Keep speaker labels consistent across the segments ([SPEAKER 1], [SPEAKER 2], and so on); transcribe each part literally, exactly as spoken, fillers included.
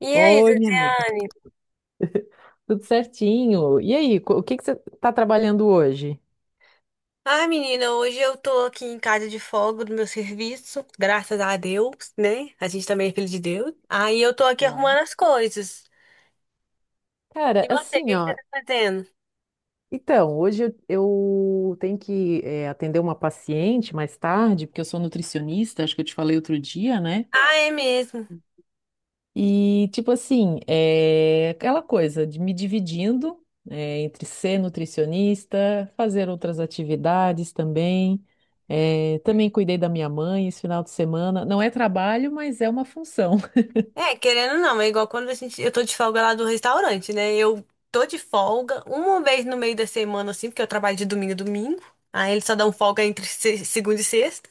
[SPEAKER 1] E aí,
[SPEAKER 2] Oi, minha amiga,
[SPEAKER 1] Ziziane?
[SPEAKER 2] tudo certinho? E aí, co- o que que você está trabalhando hoje?
[SPEAKER 1] Ai, menina, hoje eu tô aqui em casa de folga do meu serviço, graças a Deus, né? A gente também é filho de Deus. Aí eu tô aqui
[SPEAKER 2] Claro.
[SPEAKER 1] arrumando as coisas. E
[SPEAKER 2] Cara,
[SPEAKER 1] você, o
[SPEAKER 2] assim,
[SPEAKER 1] que que você
[SPEAKER 2] ó.
[SPEAKER 1] tá fazendo?
[SPEAKER 2] Então, hoje eu, eu tenho que eh, atender uma paciente mais tarde, porque eu sou nutricionista, acho que eu te falei outro dia, né?
[SPEAKER 1] Ah, é mesmo.
[SPEAKER 2] E, tipo assim, é aquela coisa de me dividindo eh, entre ser nutricionista, fazer outras atividades também. Eh, também cuidei da minha mãe esse final de semana. Não é trabalho, mas é uma função.
[SPEAKER 1] É, querendo ou não, é igual quando a gente, eu tô de folga lá do restaurante, né? Eu tô de folga uma vez no meio da semana, assim, porque eu trabalho de domingo a domingo. Aí eles só dão folga entre se- segunda e sexta.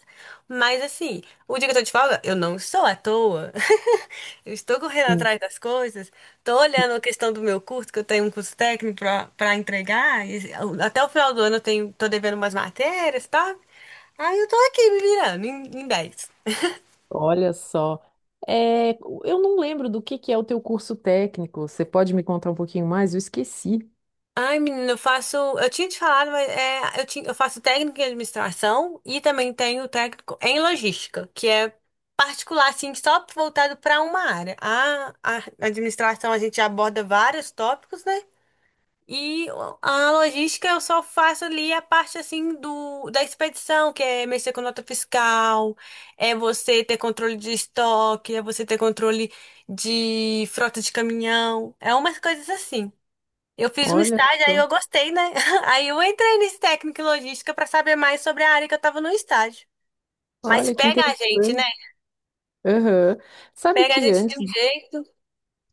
[SPEAKER 1] Mas assim, o dia que eu tô de folga, eu não estou à toa. Eu estou correndo
[SPEAKER 2] Hum.
[SPEAKER 1] atrás das coisas, tô olhando a questão do meu curso, que eu tenho um curso técnico pra, pra entregar. e até o final do ano eu tenho, tô devendo umas matérias, tá? Aí eu tô aqui me virando em, em dez.
[SPEAKER 2] Olha só. É, eu não lembro do que que é o teu curso técnico. Você pode me contar um pouquinho mais? Eu esqueci.
[SPEAKER 1] Ai, menina, eu faço. Eu tinha te falado, mas é, eu, tinha, eu faço técnico em administração e também tenho técnico em logística, que é particular, assim, só voltado para uma área. A, a administração a gente aborda vários tópicos, né? E a logística eu só faço ali a parte assim do da expedição, que é mexer com nota fiscal, é você ter controle de estoque, é você ter controle de frota de caminhão, é umas coisas assim. Eu fiz um
[SPEAKER 2] Olha
[SPEAKER 1] estágio, aí
[SPEAKER 2] só.
[SPEAKER 1] eu gostei, né? Aí eu entrei nesse técnico em logística para saber mais sobre a área que eu estava no estágio. Mas
[SPEAKER 2] Olha que
[SPEAKER 1] pega a gente, né?
[SPEAKER 2] interessante. Aham. Sabe
[SPEAKER 1] Pega a
[SPEAKER 2] que
[SPEAKER 1] gente
[SPEAKER 2] antes
[SPEAKER 1] de um jeito.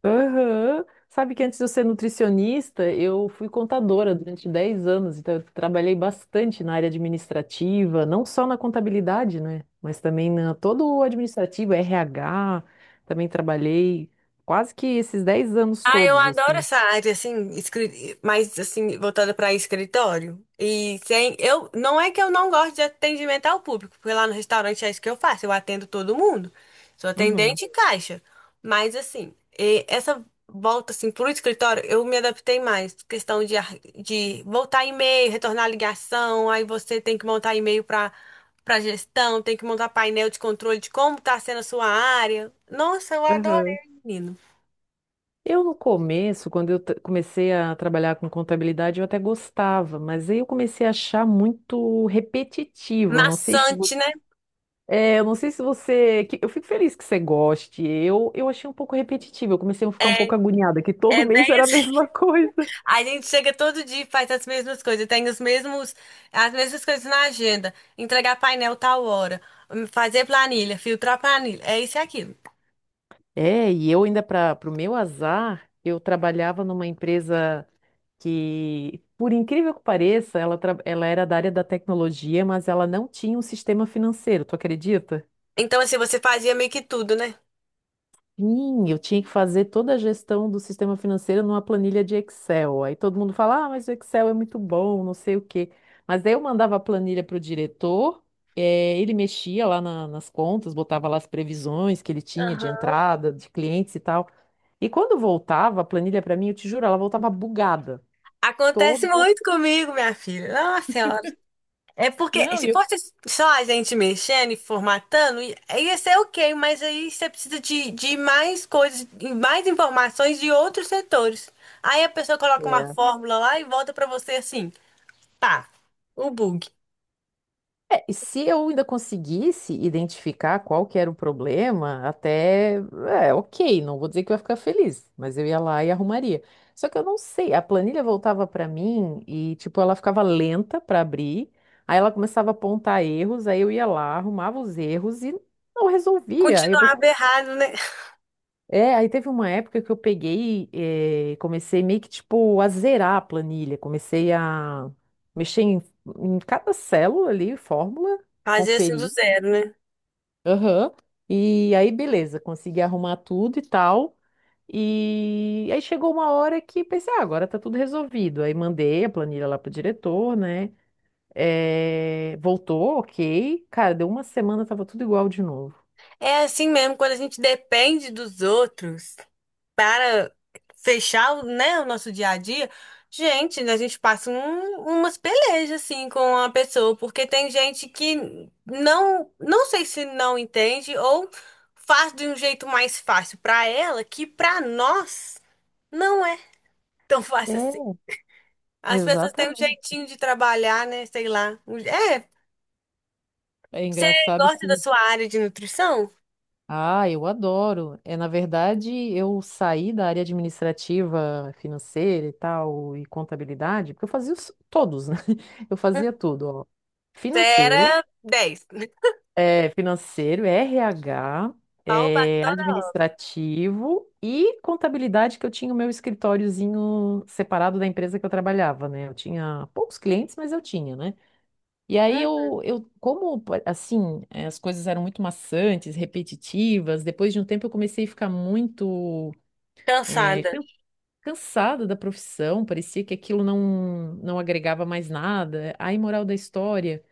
[SPEAKER 2] Aham. Sabe que antes de eu ser nutricionista, eu fui contadora durante dez anos, então eu trabalhei bastante na área administrativa, não só na contabilidade, né? Mas também na todo o administrativo, R H, também trabalhei quase que esses dez anos
[SPEAKER 1] Ah, eu
[SPEAKER 2] todos,
[SPEAKER 1] adoro
[SPEAKER 2] assim.
[SPEAKER 1] essa área, assim, escri- mais, assim, voltada para escritório. E sem, eu, não é que eu não gosto de atendimento ao público, porque lá no restaurante é isso que eu faço, eu atendo todo mundo. Sou
[SPEAKER 2] Uhum.
[SPEAKER 1] atendente e caixa. Mas, assim, e essa volta, assim, pro escritório, eu me adaptei mais. Questão de, ar- de voltar e-mail, retornar ligação, aí você tem que montar e-mail para para gestão, tem que montar painel de controle de como tá sendo a sua área. Nossa, eu adorei,
[SPEAKER 2] Aham.
[SPEAKER 1] menino.
[SPEAKER 2] Eu, no começo, quando eu t- comecei a trabalhar com contabilidade, eu até gostava, mas aí eu comecei a achar muito repetitivo. Eu Não sei se
[SPEAKER 1] Maçante, né?
[SPEAKER 2] É, eu não sei se você. que- Eu fico feliz que você goste. Eu, eu achei um pouco repetitivo. Eu comecei a ficar um pouco agoniada, que todo
[SPEAKER 1] É, né?
[SPEAKER 2] mês era a mesma coisa.
[SPEAKER 1] A gente chega todo dia e faz as mesmas coisas, tem os mesmos, as mesmas coisas na agenda. Entregar painel tal hora, hum, fazer planilha, filtrar planilha, é isso e aquilo.
[SPEAKER 2] É, e eu ainda, para o meu azar, eu trabalhava numa empresa que, por incrível que pareça, ela, tra- ela era da área da tecnologia, mas ela não tinha um sistema financeiro, tu acredita?
[SPEAKER 1] Então, assim, você fazia meio que tudo, né?
[SPEAKER 2] Sim, eu tinha que fazer toda a gestão do sistema financeiro numa planilha de Excel. Aí todo mundo fala, ah, mas o Excel é muito bom, não sei o quê. Mas aí eu mandava a planilha para o diretor, eh, ele mexia lá na- nas contas, botava lá as previsões que ele tinha de
[SPEAKER 1] Aham.
[SPEAKER 2] entrada, de clientes e tal. E quando voltava a planilha para mim, eu te juro, ela voltava bugada.
[SPEAKER 1] Acontece
[SPEAKER 2] Toda.
[SPEAKER 1] muito comigo, minha filha. Nossa senhora. É porque
[SPEAKER 2] Não,
[SPEAKER 1] se
[SPEAKER 2] eu.
[SPEAKER 1] fosse só a gente mexendo e formatando, i- ia ser ok, mas aí você precisa de, de mais coisas, de mais informações de outros setores. Aí a pessoa coloca uma fórmula lá e volta pra você assim. Tá, o bug.
[SPEAKER 2] É, e se eu ainda conseguisse identificar qual que era o problema, até, é, ok, não vou dizer que eu ia ficar feliz, mas eu ia lá e arrumaria. Só que eu não sei, a planilha voltava para mim e, tipo, ela ficava lenta para abrir, aí ela começava a apontar erros, aí eu ia lá, arrumava os erros e não resolvia. Aí eu
[SPEAKER 1] Continuava
[SPEAKER 2] pensei,
[SPEAKER 1] errado, né?
[SPEAKER 2] é, aí teve uma época que eu peguei, eh, comecei meio que, tipo, a zerar a planilha, comecei a mexer em, em cada célula ali, fórmula,
[SPEAKER 1] Fazer assim do
[SPEAKER 2] conferir.
[SPEAKER 1] zero, né?
[SPEAKER 2] Aham. E aí, beleza, consegui arrumar tudo e tal. E aí chegou uma hora que pensei, ah, agora tá tudo resolvido. Aí mandei a planilha lá pro diretor, né? Eh, Voltou, ok. Cara, deu uma semana, tava tudo igual de novo.
[SPEAKER 1] É assim mesmo, quando a gente depende dos outros para fechar, o- né, o nosso dia a dia, gente, a gente passa um- umas pelejas assim com a pessoa, porque tem gente que não, não sei se não entende ou faz de um jeito mais fácil para ela, que para nós não é tão fácil assim.
[SPEAKER 2] É,
[SPEAKER 1] As pessoas têm um
[SPEAKER 2] exatamente.
[SPEAKER 1] jeitinho de trabalhar, né? Sei lá. Um- É,
[SPEAKER 2] É
[SPEAKER 1] você
[SPEAKER 2] engraçado
[SPEAKER 1] gosta da
[SPEAKER 2] que.
[SPEAKER 1] sua área de nutrição?
[SPEAKER 2] Ah, eu adoro. É, na verdade, eu saí da área administrativa, financeira e tal, e contabilidade, porque eu fazia os- todos, né? Eu
[SPEAKER 1] Hum.
[SPEAKER 2] fazia tudo, ó.
[SPEAKER 1] Você
[SPEAKER 2] Financeiro.
[SPEAKER 1] era dez.
[SPEAKER 2] É financeiro, R H,
[SPEAKER 1] Opa,
[SPEAKER 2] é
[SPEAKER 1] toda
[SPEAKER 2] administrativo e contabilidade, que eu tinha o meu escritóriozinho separado da empresa que eu trabalhava, né? Eu tinha poucos clientes, mas eu tinha, né? E
[SPEAKER 1] hum,
[SPEAKER 2] aí eu, eu como pa- assim, eh, as coisas eram muito maçantes, repetitivas, depois de um tempo eu comecei a ficar muito eh,
[SPEAKER 1] cansada.
[SPEAKER 2] can- cansada da profissão, parecia que aquilo não, não agregava mais nada. Aí, moral da história,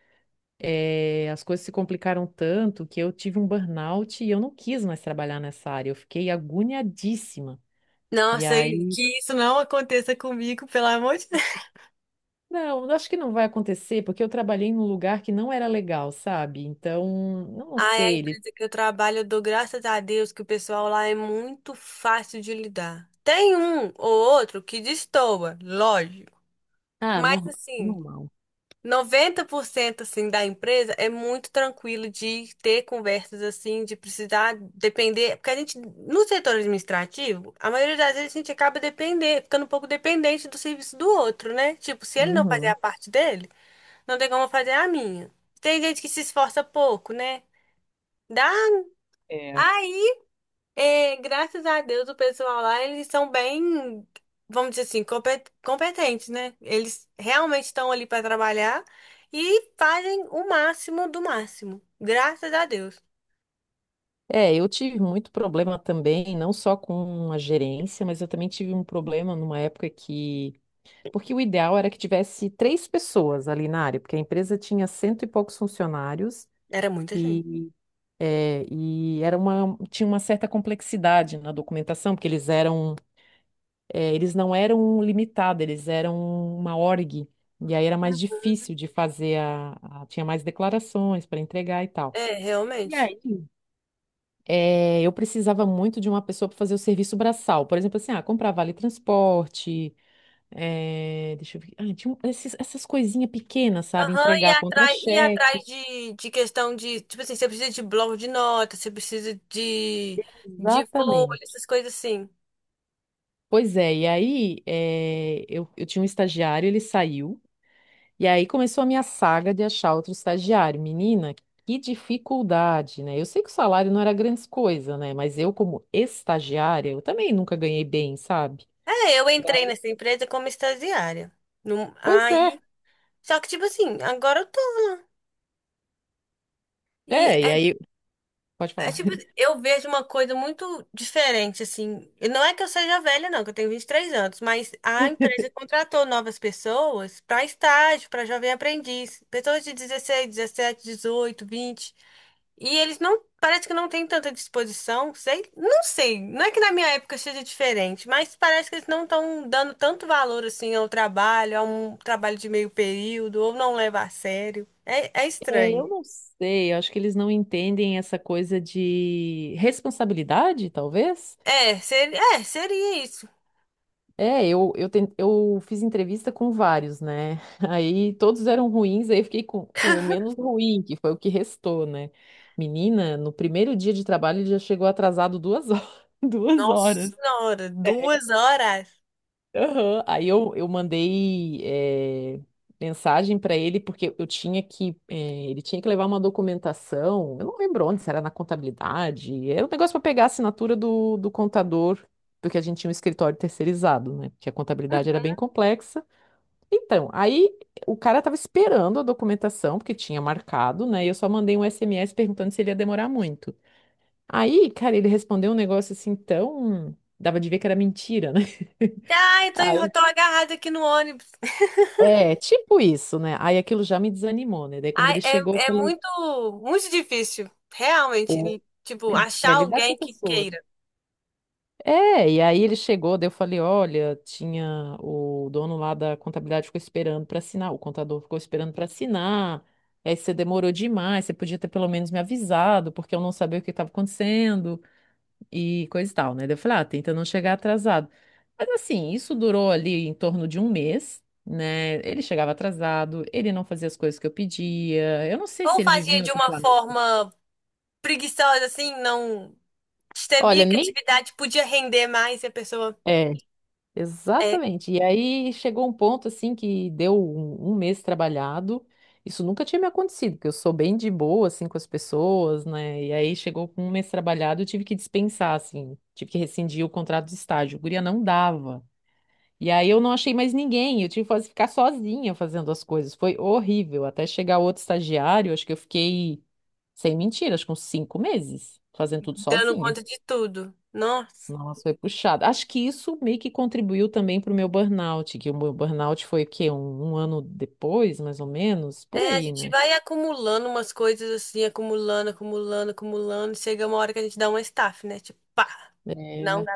[SPEAKER 2] eh, as coisas se complicaram tanto que eu tive um burnout e eu não quis mais trabalhar nessa área. Eu fiquei agoniadíssima. E
[SPEAKER 1] Nossa,
[SPEAKER 2] aí,
[SPEAKER 1] que isso não aconteça comigo, pelo amor de Deus.
[SPEAKER 2] não, acho que não vai acontecer, porque eu trabalhei num lugar que não era legal, sabe? Então, eu não
[SPEAKER 1] Ai, a
[SPEAKER 2] sei, ele.
[SPEAKER 1] empresa que eu trabalho, eu dou graças a Deus que o pessoal lá é muito fácil de lidar. Tem um ou outro que destoa, lógico.
[SPEAKER 2] Ah,
[SPEAKER 1] Mas
[SPEAKER 2] norma-
[SPEAKER 1] assim,
[SPEAKER 2] normal.
[SPEAKER 1] noventa por cento assim da empresa é muito tranquilo de ter conversas assim, de precisar depender, porque a gente no setor administrativo, a maioria das vezes a gente acaba depender, ficando um pouco dependente do serviço do outro, né? Tipo, se ele não fazer
[SPEAKER 2] Uhum.
[SPEAKER 1] a parte dele, não tem como eu fazer a minha. Tem gente que se esforça pouco, né? Dá,
[SPEAKER 2] É.
[SPEAKER 1] ai é, graças a Deus, o pessoal lá, eles são bem, vamos dizer assim, compe- competentes, né? Eles realmente estão ali para trabalhar e fazem o máximo do máximo. Graças a Deus.
[SPEAKER 2] É, eu tive muito problema também, não só com a gerência, mas eu também tive um problema numa época que. Porque o ideal era que tivesse três pessoas ali na área, porque a empresa tinha cento e poucos funcionários.
[SPEAKER 1] Era muita gente.
[SPEAKER 2] É, e era uma, tinha uma certa complexidade na documentação, porque eles eram, é, eles não eram limitados, eles eram uma org, e aí era mais difícil de fazer a, a- tinha mais declarações para entregar e tal.
[SPEAKER 1] É,
[SPEAKER 2] E
[SPEAKER 1] realmente.
[SPEAKER 2] aí, é, eu precisava muito de uma pessoa para fazer o serviço braçal, por exemplo, assim, ah, comprar vale transporte, é, deixa eu ver, ah, tinha um- esses- essas coisinhas pequenas, sabe,
[SPEAKER 1] Aham, e
[SPEAKER 2] entregar
[SPEAKER 1] atrás, e
[SPEAKER 2] contra-cheque,
[SPEAKER 1] atrás de, de questão de, tipo assim, você precisa de bloco de notas, você precisa de, de folha,
[SPEAKER 2] exatamente.
[SPEAKER 1] essas coisas assim.
[SPEAKER 2] Pois é, e aí eh, eu, eu tinha um estagiário, ele saiu, e aí começou a minha saga de achar outro estagiário. Menina, que dificuldade, né? Eu sei que o salário não era grandes coisa, né? Mas eu, como estagiária, eu também nunca ganhei bem, sabe?
[SPEAKER 1] É, eu
[SPEAKER 2] E
[SPEAKER 1] entrei
[SPEAKER 2] aí-
[SPEAKER 1] nessa empresa como estagiária. Num-
[SPEAKER 2] Pois é,
[SPEAKER 1] aí, só que, tipo assim, agora eu tô. e
[SPEAKER 2] é, e aí, pode
[SPEAKER 1] é
[SPEAKER 2] falar.
[SPEAKER 1] tipo, eu vejo uma coisa muito diferente, assim. E não é que eu seja velha, não, que eu tenho vinte e três anos, mas a empresa contratou novas pessoas para estágio, para jovem aprendiz, pessoas de dezesseis dezessete dezoito vinte. E eles não, parece que não têm tanta disposição, sei, não sei. Não é que na minha época seja diferente, mas parece que eles não estão dando tanto valor assim ao trabalho, a um trabalho de meio período, ou não leva a sério. É, é
[SPEAKER 2] É,
[SPEAKER 1] estranho.
[SPEAKER 2] eu não sei, eu acho que eles não entendem essa coisa de responsabilidade, talvez.
[SPEAKER 1] É, seria, é, seria isso.
[SPEAKER 2] É, eu, eu, ten- eu fiz entrevista com vários, né? Aí todos eram ruins, aí eu fiquei com, com o menos ruim, que foi o que restou, né? Menina, no primeiro dia de trabalho ele já chegou atrasado duas horas. Duas
[SPEAKER 1] Nossa
[SPEAKER 2] horas.
[SPEAKER 1] senhora, duas horas.
[SPEAKER 2] Aham. Aí eu, eu mandei eh, mensagem para ele porque eu tinha que eh, ele tinha que levar uma documentação. Eu não lembro onde, se era na contabilidade. Era um negócio para pegar a assinatura do, do contador, porque a gente tinha um escritório terceirizado, né? Porque a contabilidade era bem
[SPEAKER 1] Uhum.
[SPEAKER 2] complexa. Então, aí o cara estava esperando a documentação porque tinha marcado, né? E eu só mandei um S M S perguntando se ele ia demorar muito. Aí, cara, ele respondeu um negócio assim tão dava de ver que era mentira, né?
[SPEAKER 1] Ai, tô, enro-
[SPEAKER 2] Aí
[SPEAKER 1] tô agarrada aqui no ônibus.
[SPEAKER 2] é, tipo isso, né? Aí aquilo já me desanimou, né? Daí quando
[SPEAKER 1] Ai,
[SPEAKER 2] ele chegou, eu
[SPEAKER 1] é, é
[SPEAKER 2] falei,
[SPEAKER 1] muito, muito difícil, realmente,
[SPEAKER 2] pô,
[SPEAKER 1] e, tipo,
[SPEAKER 2] li-
[SPEAKER 1] achar
[SPEAKER 2] é lidar com
[SPEAKER 1] alguém que
[SPEAKER 2] pessoas.
[SPEAKER 1] queira.
[SPEAKER 2] É, e aí ele chegou, daí eu falei, olha, tinha o dono lá da contabilidade ficou esperando para assinar, o contador ficou esperando para assinar. E aí você demorou demais, você podia ter pelo menos me avisado, porque eu não sabia o que estava acontecendo, e coisa e tal, né? Daí eu falei, ah, tenta não chegar atrasado. Mas assim, isso durou ali em torno de um mês, né? Ele chegava atrasado, ele não fazia as coisas que eu pedia. Eu não sei se
[SPEAKER 1] Ou
[SPEAKER 2] ele vivia
[SPEAKER 1] fazia
[SPEAKER 2] em
[SPEAKER 1] de
[SPEAKER 2] outro
[SPEAKER 1] uma
[SPEAKER 2] planeta.
[SPEAKER 1] forma preguiçosa, assim, não...
[SPEAKER 2] Olha,
[SPEAKER 1] Sabia que a
[SPEAKER 2] nem.
[SPEAKER 1] atividade podia render mais e a pessoa
[SPEAKER 2] É,
[SPEAKER 1] é
[SPEAKER 2] exatamente. E aí chegou um ponto assim que deu um, um mês trabalhado. Isso nunca tinha me acontecido, porque eu sou bem de boa assim com as pessoas, né? E aí chegou com um mês trabalhado, eu tive que dispensar assim, tive que rescindir o contrato de estágio. Guria não dava. E aí eu não achei mais ninguém, eu tive que faz- ficar sozinha fazendo as coisas. Foi horrível. Até chegar outro estagiário, acho que eu fiquei, sem mentira, acho que uns cinco meses fazendo tudo
[SPEAKER 1] dando
[SPEAKER 2] sozinha.
[SPEAKER 1] conta de tudo. Nossa.
[SPEAKER 2] Nossa, foi puxado. Acho que isso meio que contribuiu também para o meu burnout, que o meu burnout foi o quê? Um, um ano depois, mais ou menos, por
[SPEAKER 1] É, a
[SPEAKER 2] aí,
[SPEAKER 1] gente
[SPEAKER 2] né?
[SPEAKER 1] vai acumulando umas coisas assim, acumulando, acumulando, acumulando. Chega uma hora que a gente dá uma staff, né? Tipo, pá, não.
[SPEAKER 2] É.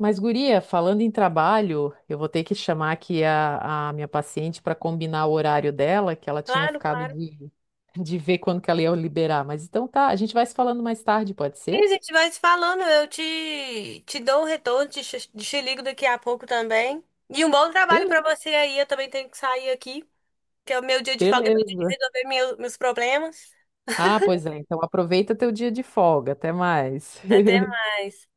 [SPEAKER 2] Mas, guria, falando em trabalho, eu vou ter que chamar aqui a, a minha paciente para combinar o horário dela, que ela tinha
[SPEAKER 1] Claro,
[SPEAKER 2] ficado
[SPEAKER 1] claro.
[SPEAKER 2] de, de ver quando que ela ia liberar. Mas então tá, a gente vai se falando mais tarde, pode
[SPEAKER 1] E a
[SPEAKER 2] ser?
[SPEAKER 1] gente vai se falando, eu te, te dou um retorno, te, ch- te ligo daqui a pouco também. E um bom trabalho pra
[SPEAKER 2] Beleza.
[SPEAKER 1] você aí, eu também tenho que sair aqui, que é o meu dia de folga, é meu dia de
[SPEAKER 2] Beleza.
[SPEAKER 1] resolver meu- meus problemas.
[SPEAKER 2] Ah, pois é. Então aproveita teu dia de folga. Até mais.
[SPEAKER 1] Até mais.